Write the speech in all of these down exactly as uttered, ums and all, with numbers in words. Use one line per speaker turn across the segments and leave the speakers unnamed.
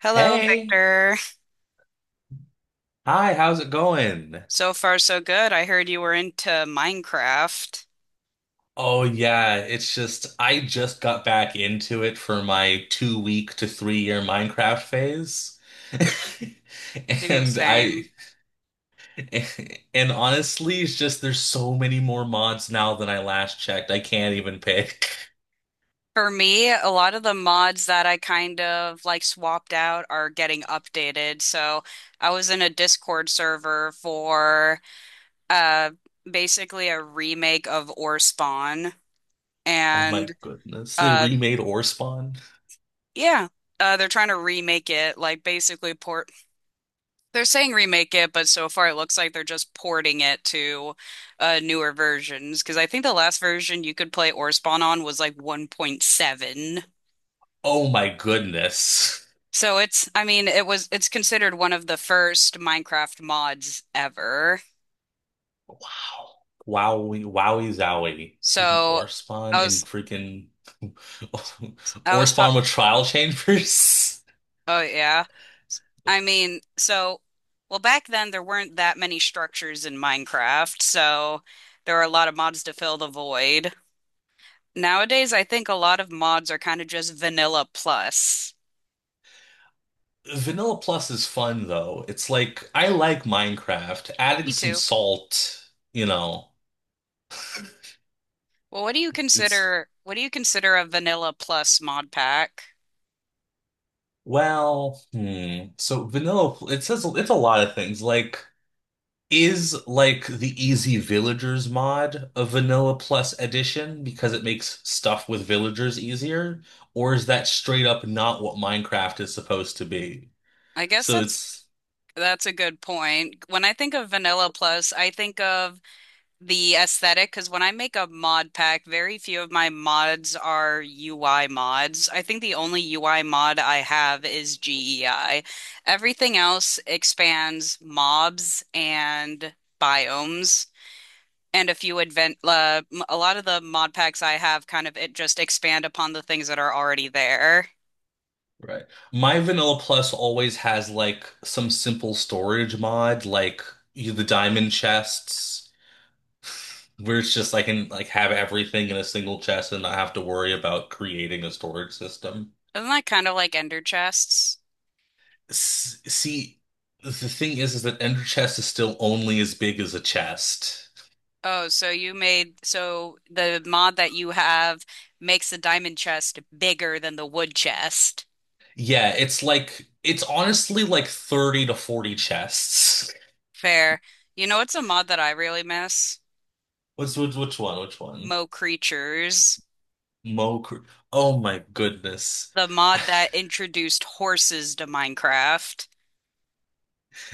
Hello,
Hey,
Victor.
hi, how's it going?
So far, so good. I heard you were into Minecraft.
Oh yeah, it's just I just got back into it for my two week to three year Minecraft phase.
Dude,
And I
same.
and honestly, it's just there's so many more mods now than I last checked. I can't even pick.
For me, a lot of the mods that I kind of like swapped out are getting updated. So I was in a Discord server for uh basically a remake of Ore Spawn.
Oh my
And
goodness. They
uh
remade Ore Spawn.
yeah, uh they're trying to remake it, like basically port. They're saying remake it, but so far it looks like they're just porting it to uh, newer versions. Because I think the last version you could play Orspawn on was like one point seven.
Oh my goodness.
So it's, I mean, it was, it's considered one of the first Minecraft mods ever.
Wow. Wowie, wowie, zowie. Freaking
So
ore
I
and
was,
freaking
I
ore
was taught,
with trial chambers.
oh yeah. I mean, so, well, back then there weren't that many structures in Minecraft, so there were a lot of mods to fill the void. Nowadays, I think a lot of mods are kind of just vanilla plus.
Vanilla Plus is fun though. It's like I like Minecraft. Adding
Me
some
too.
salt, you know,
Well, what do you
it's
consider what do you consider a vanilla plus mod pack?
well, hmm. So vanilla, it says it's a lot of things. Like is like the Easy Villagers mod a vanilla plus edition because it makes stuff with villagers easier, or is that straight up not what Minecraft is supposed to be?
I guess
So
that's
it's
that's a good point. When I think of vanilla plus, I think of the aesthetic because when I make a mod pack, very few of my mods are U I mods. I think the only U I mod I have is G E I. Everything else expands mobs and biomes. And a few advent uh, m- a lot of the mod packs I have kind of it just expand upon the things that are already there.
Right. My vanilla plus always has like some simple storage mod, like you, the diamond chests, where it's just I can like have everything in a single chest and not have to worry about creating a storage system.
Isn't that kind of like ender chests?
S see, the thing is, is that Ender Chest is still only as big as a chest.
Oh, so you made so the mod that you have makes the diamond chest bigger than the wood chest.
Yeah, it's like it's honestly like thirty to forty chests.
Fair. You know, it's a mod that I really miss?
What's which, which one? Which one?
Mo Creatures,
Mo Cr- Oh my goodness.
the mod that introduced horses to Minecraft.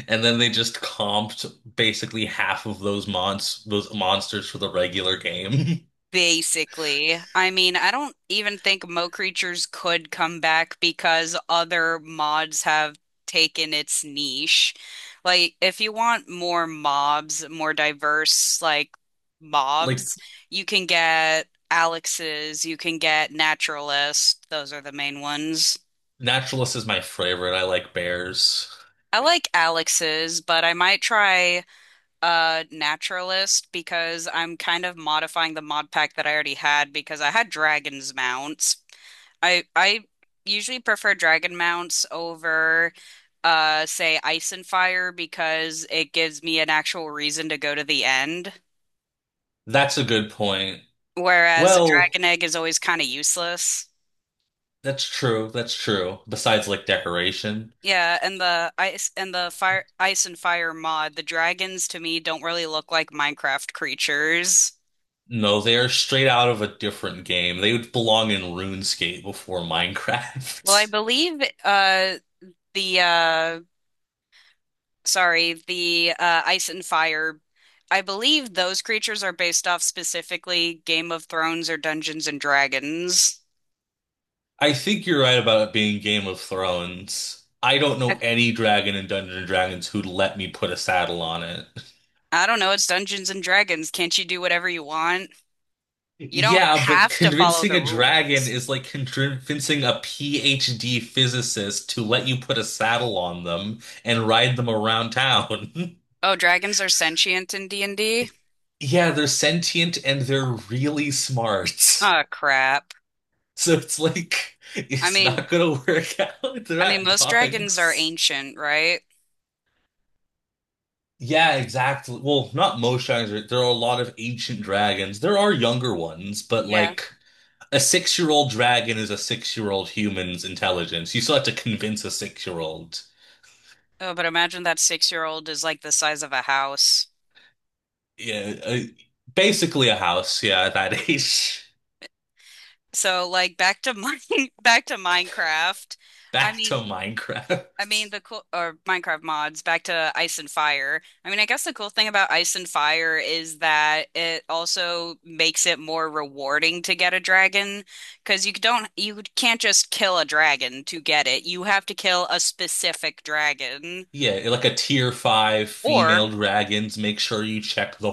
And then they just comped basically half of those mons those monsters for the regular game.
Basically, I mean, I don't even think Mo Creatures could come back because other mods have taken its niche. Like, if you want more mobs, more diverse, like,
Like,
mobs, you can get Alex's, you can get Naturalist. Those are the main ones.
Naturalist is my favorite. I like bears.
I like Alex's, but I might try uh Naturalist because I'm kind of modifying the mod pack that I already had because I had Dragon's Mount. I I usually prefer dragon mounts over uh say Ice and Fire because it gives me an actual reason to go to the end,
That's a good point.
whereas a
Well,
dragon egg is always kind of useless.
that's true. That's true. Besides, like, decoration.
Yeah, and the ice and the fire Ice and Fire mod, the dragons to me don't really look like Minecraft creatures.
No, they are straight out of a different game. They would belong in RuneScape before
Well, I
Minecraft.
believe uh the uh sorry, the uh, Ice and Fire. I believe those creatures are based off specifically Game of Thrones or Dungeons and Dragons.
I think you're right about it being Game of Thrones. I don't
I,
know any dragon in Dungeons and Dragons who'd let me put a saddle on it.
I don't know, it's Dungeons and Dragons. Can't you do whatever you want? You don't
Yeah, but
have to follow
convincing
the
a dragon
rules.
is like convincing a PhD physicist to let you put a saddle on them and ride them around town.
Oh, dragons are sentient in D and D?
Yeah, they're sentient and they're really smart.
Oh, crap.
So it's like,
I
it's
mean,
not gonna work out. They're
I mean,
not
most dragons are
dogs.
ancient, right?
Yeah, exactly. Well, not most dragons. right? There are a lot of ancient dragons. There are younger ones, but
Yeah.
like a six-year-old dragon is a six-year-old human's intelligence. You still have to convince a six-year-old.
Oh, but imagine that six-year-old is like the size of a house.
Yeah, uh, basically a house. Yeah, at that age.
So, like, back to mine, back to Minecraft. I
Back to
mean, I mean,
Minecraft.
the cool or Minecraft mods back to Ice and Fire. I mean, I guess the cool thing about Ice and Fire is that it also makes it more rewarding to get a dragon because you don't you can't just kill a dragon to get it. You have to kill a specific dragon
Yeah, like a tier five
or.
female dragons. Make sure you check the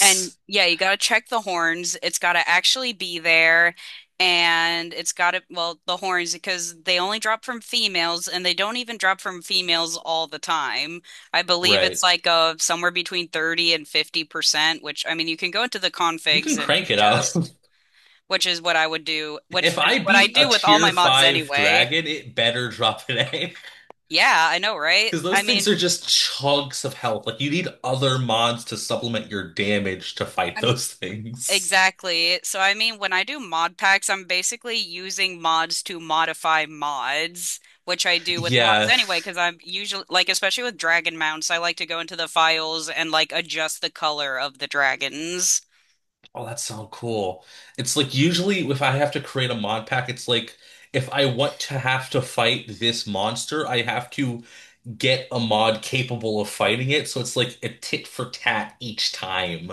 And yeah, you got to check the horns. It's got to actually be there. And it's got to, well, the horns, because they only drop from females and they don't even drop from females all the time. I believe
Right.
it's like a, somewhere between thirty and fifty percent, which I mean, you can go into the
You
configs
can
and
crank it up.
adjust, which is what I would do, which
If I
is what I
beat a
do with all
tier
my mods
five
anyway.
dragon, it better drop an egg.
Yeah, I know, right?
Because
I
those
mean,
things are just chunks of health. Like you need other mods to supplement your damage to fight
I mean,
those things.
Exactly. So, I mean, when I do mod packs, I'm basically using mods to modify mods, which I do with mods
Yeah.
anyway, because I'm usually, like, especially with dragon mounts, I like to go into the files and, like, adjust the color of the dragons.
Oh, that's so cool. It's like usually if I have to create a mod pack, it's like if I want to have to fight this monster, I have to get a mod capable of fighting it. So it's like a tit for tat each time.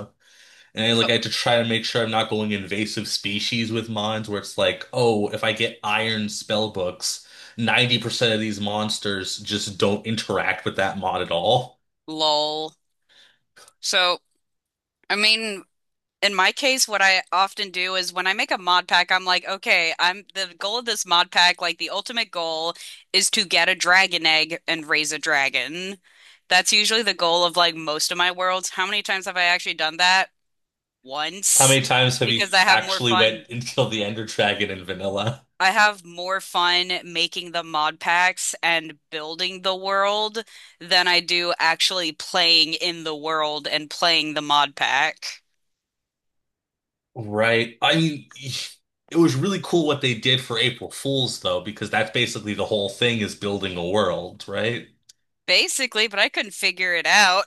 And I like I had to try to make sure I'm not going invasive species with mines where it's like, oh, if I get iron spell books, ninety percent of these monsters just don't interact with that mod at all.
Lol. So, I mean, In my case, what I often do is when I make a mod pack, I'm like, okay, I'm the goal of this mod pack, like the ultimate goal is to get a dragon egg and raise a dragon. That's usually the goal of like most of my worlds. How many times have I actually done that?
How
Once.
many times have you
Because I have more
actually
fun.
went and killed the Ender Dragon in vanilla?
I have more fun making the mod packs and building the world than I do actually playing in the world and playing the mod pack.
Right. I mean, it was really cool what they did for April Fools though, because that's basically the whole thing is building a world, right?
Basically, but I couldn't figure it out.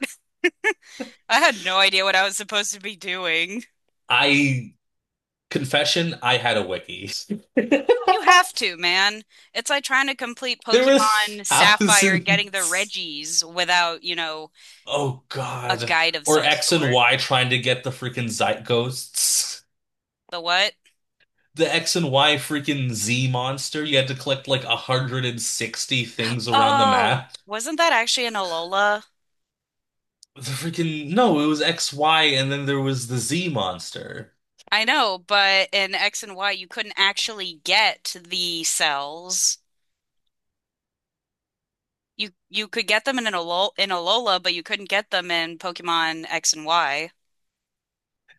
I had no idea what I was supposed to be doing.
I confession, I had a wiki.
You have to, man. It's like trying to complete
There were
Pokemon Sapphire and getting the
thousands.
Reggies without, you know,
Oh
a
God.
guide of
Or
some
X and
sort.
Y trying to get the freaking Zeitghosts.
The what?
The X and Y freaking Z monster. You had to collect like one hundred sixty things around the
Oh,
map.
wasn't that actually an Alola?
The freaking No, it was X, Y, and then there was the Z monster.
I know, but in X and Y, you couldn't actually get the cells. You you could get them in an Alola, in Alola, but you couldn't get them in Pokemon X and Y.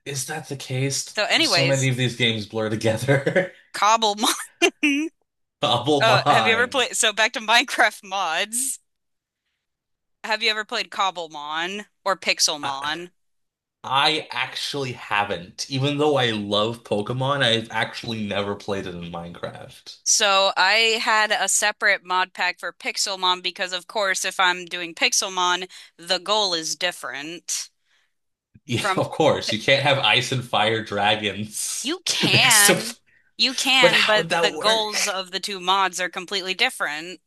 Is that the case?
So,
So many
anyways,
of these games blur together.
Cobblemon.
Double
Uh, have you ever
mind.
played? So back to Minecraft mods. Have you ever played Cobblemon or
I,
Pixelmon?
I actually haven't. Even though I love Pokemon, I've actually never played it in Minecraft.
So I had a separate mod pack for Pixelmon because, of course, if I'm doing Pixelmon, the goal is different
Yeah,
from.
of course. You can't have ice and fire dragons
you
next to.
can, you
But
can,
how
but
would
the
that
goals
work?
of the two mods are completely different.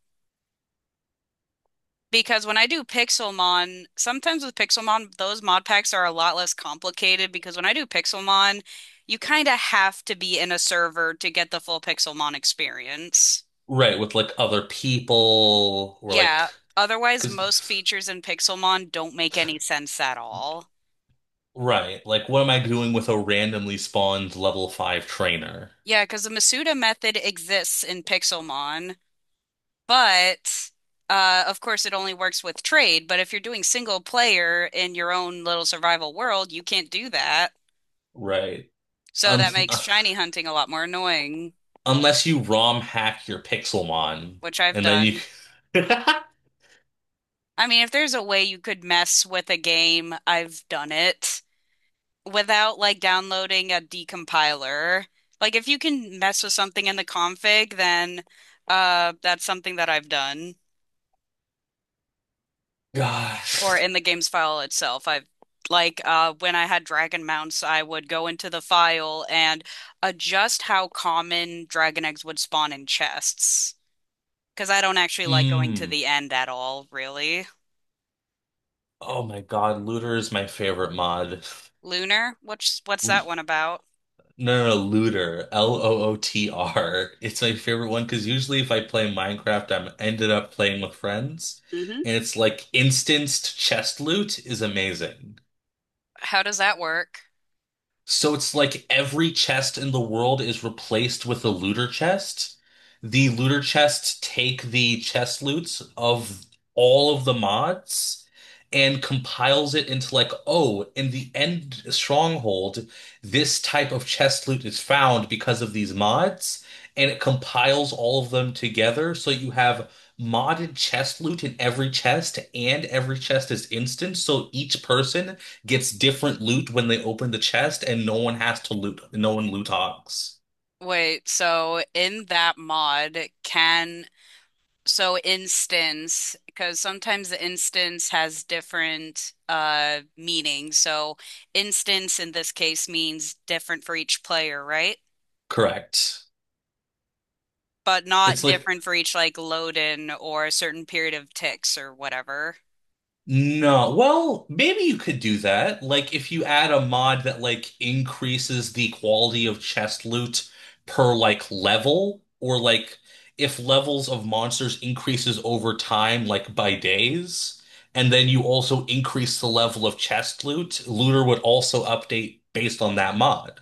Because when I do Pixelmon, sometimes with Pixelmon, those mod packs are a lot less complicated because when I do Pixelmon, you kind of have to be in a server to get the full Pixelmon experience.
Right, with like other people or like,
Yeah, otherwise most
because,
features in Pixelmon don't make any sense at all.
right, like what am I doing with a randomly spawned level five trainer?
Yeah, because the Masuda method exists in Pixelmon, but uh, of course it only works with trade. But if you're doing single player in your own little survival world, you can't do that.
Right.
So
Un
that makes shiny hunting a lot more annoying,
unless you ROM hack your Pixelmon
which I've
and then you.
done. I mean, if there's a way you could mess with a game, I've done it. Without like downloading a decompiler. Like if you can mess with something in the config, then uh that's something that I've done. Or
Gosh.
in the game's file itself. I've like uh when I had dragon mounts, I would go into the file and adjust how common dragon eggs would spawn in chests. Because I don't actually like going to
Mm.
the end at all, really.
Oh my God, Looter is my favorite mod.
Lunar? What's what's that one about?
No, no, no, looter. L O O T R. It's my favorite one because usually if I play Minecraft, I'm ended up playing with friends,
Hmm.
and it's like instanced chest loot is amazing.
How does that work?
So it's like every chest in the world is replaced with a looter chest. The looter chests take the chest loots of all of the mods and compiles it into like, oh, in the end stronghold, this type of chest loot is found because of these mods, and it compiles all of them together so you have modded chest loot in every chest, and every chest is instant, so each person gets different loot when they open the chest, and no one has to loot. No one loot hogs.
Wait, so in that mod, can. So instance, because sometimes the instance has different uh meanings. So instance in this case means different for each player, right?
Correct.
But not
It's like
different for each like load-in or a certain period of ticks or whatever.
no. Well, maybe you could do that. Like if you add a mod that like increases the quality of chest loot per like level, or like if levels of monsters increases over time, like by days, and then you also increase the level of chest loot, looter would also update based on that mod.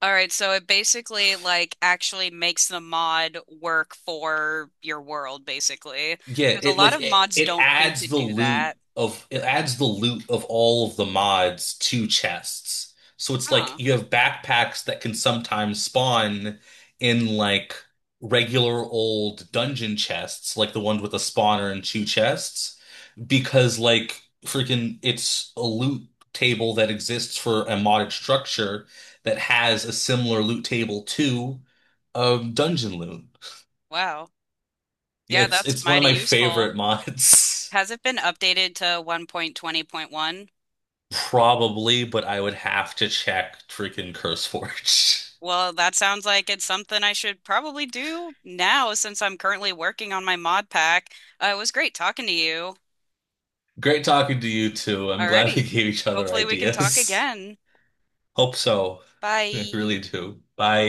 All right, so it basically like actually makes the mod work for your world, basically.
Yeah,
Because a
it
lot
like
of
it,
mods
it
don't think to
adds the
do
loot
that.
of it adds the loot of all of the mods to chests. So it's like
Huh.
you have backpacks that can sometimes spawn in like regular old dungeon chests, like the ones with a spawner and two chests, because like freaking it's a loot table that exists for a modded structure that has a similar loot table to um dungeon loot.
Wow.
Yeah,
Yeah,
it's
that's
it's one of
mighty
my
useful.
favorite mods.
Has it been updated to one point twenty point one?
Probably, but I would have to check freaking CurseForge.
Well, that sounds like it's something I should probably do now since I'm currently working on my mod pack. Uh, it was great talking to you.
Great talking to you too. I'm glad we
Alrighty.
gave each other
Hopefully we can talk
ideas.
again.
Hope so. I really
Bye.
do. Bye.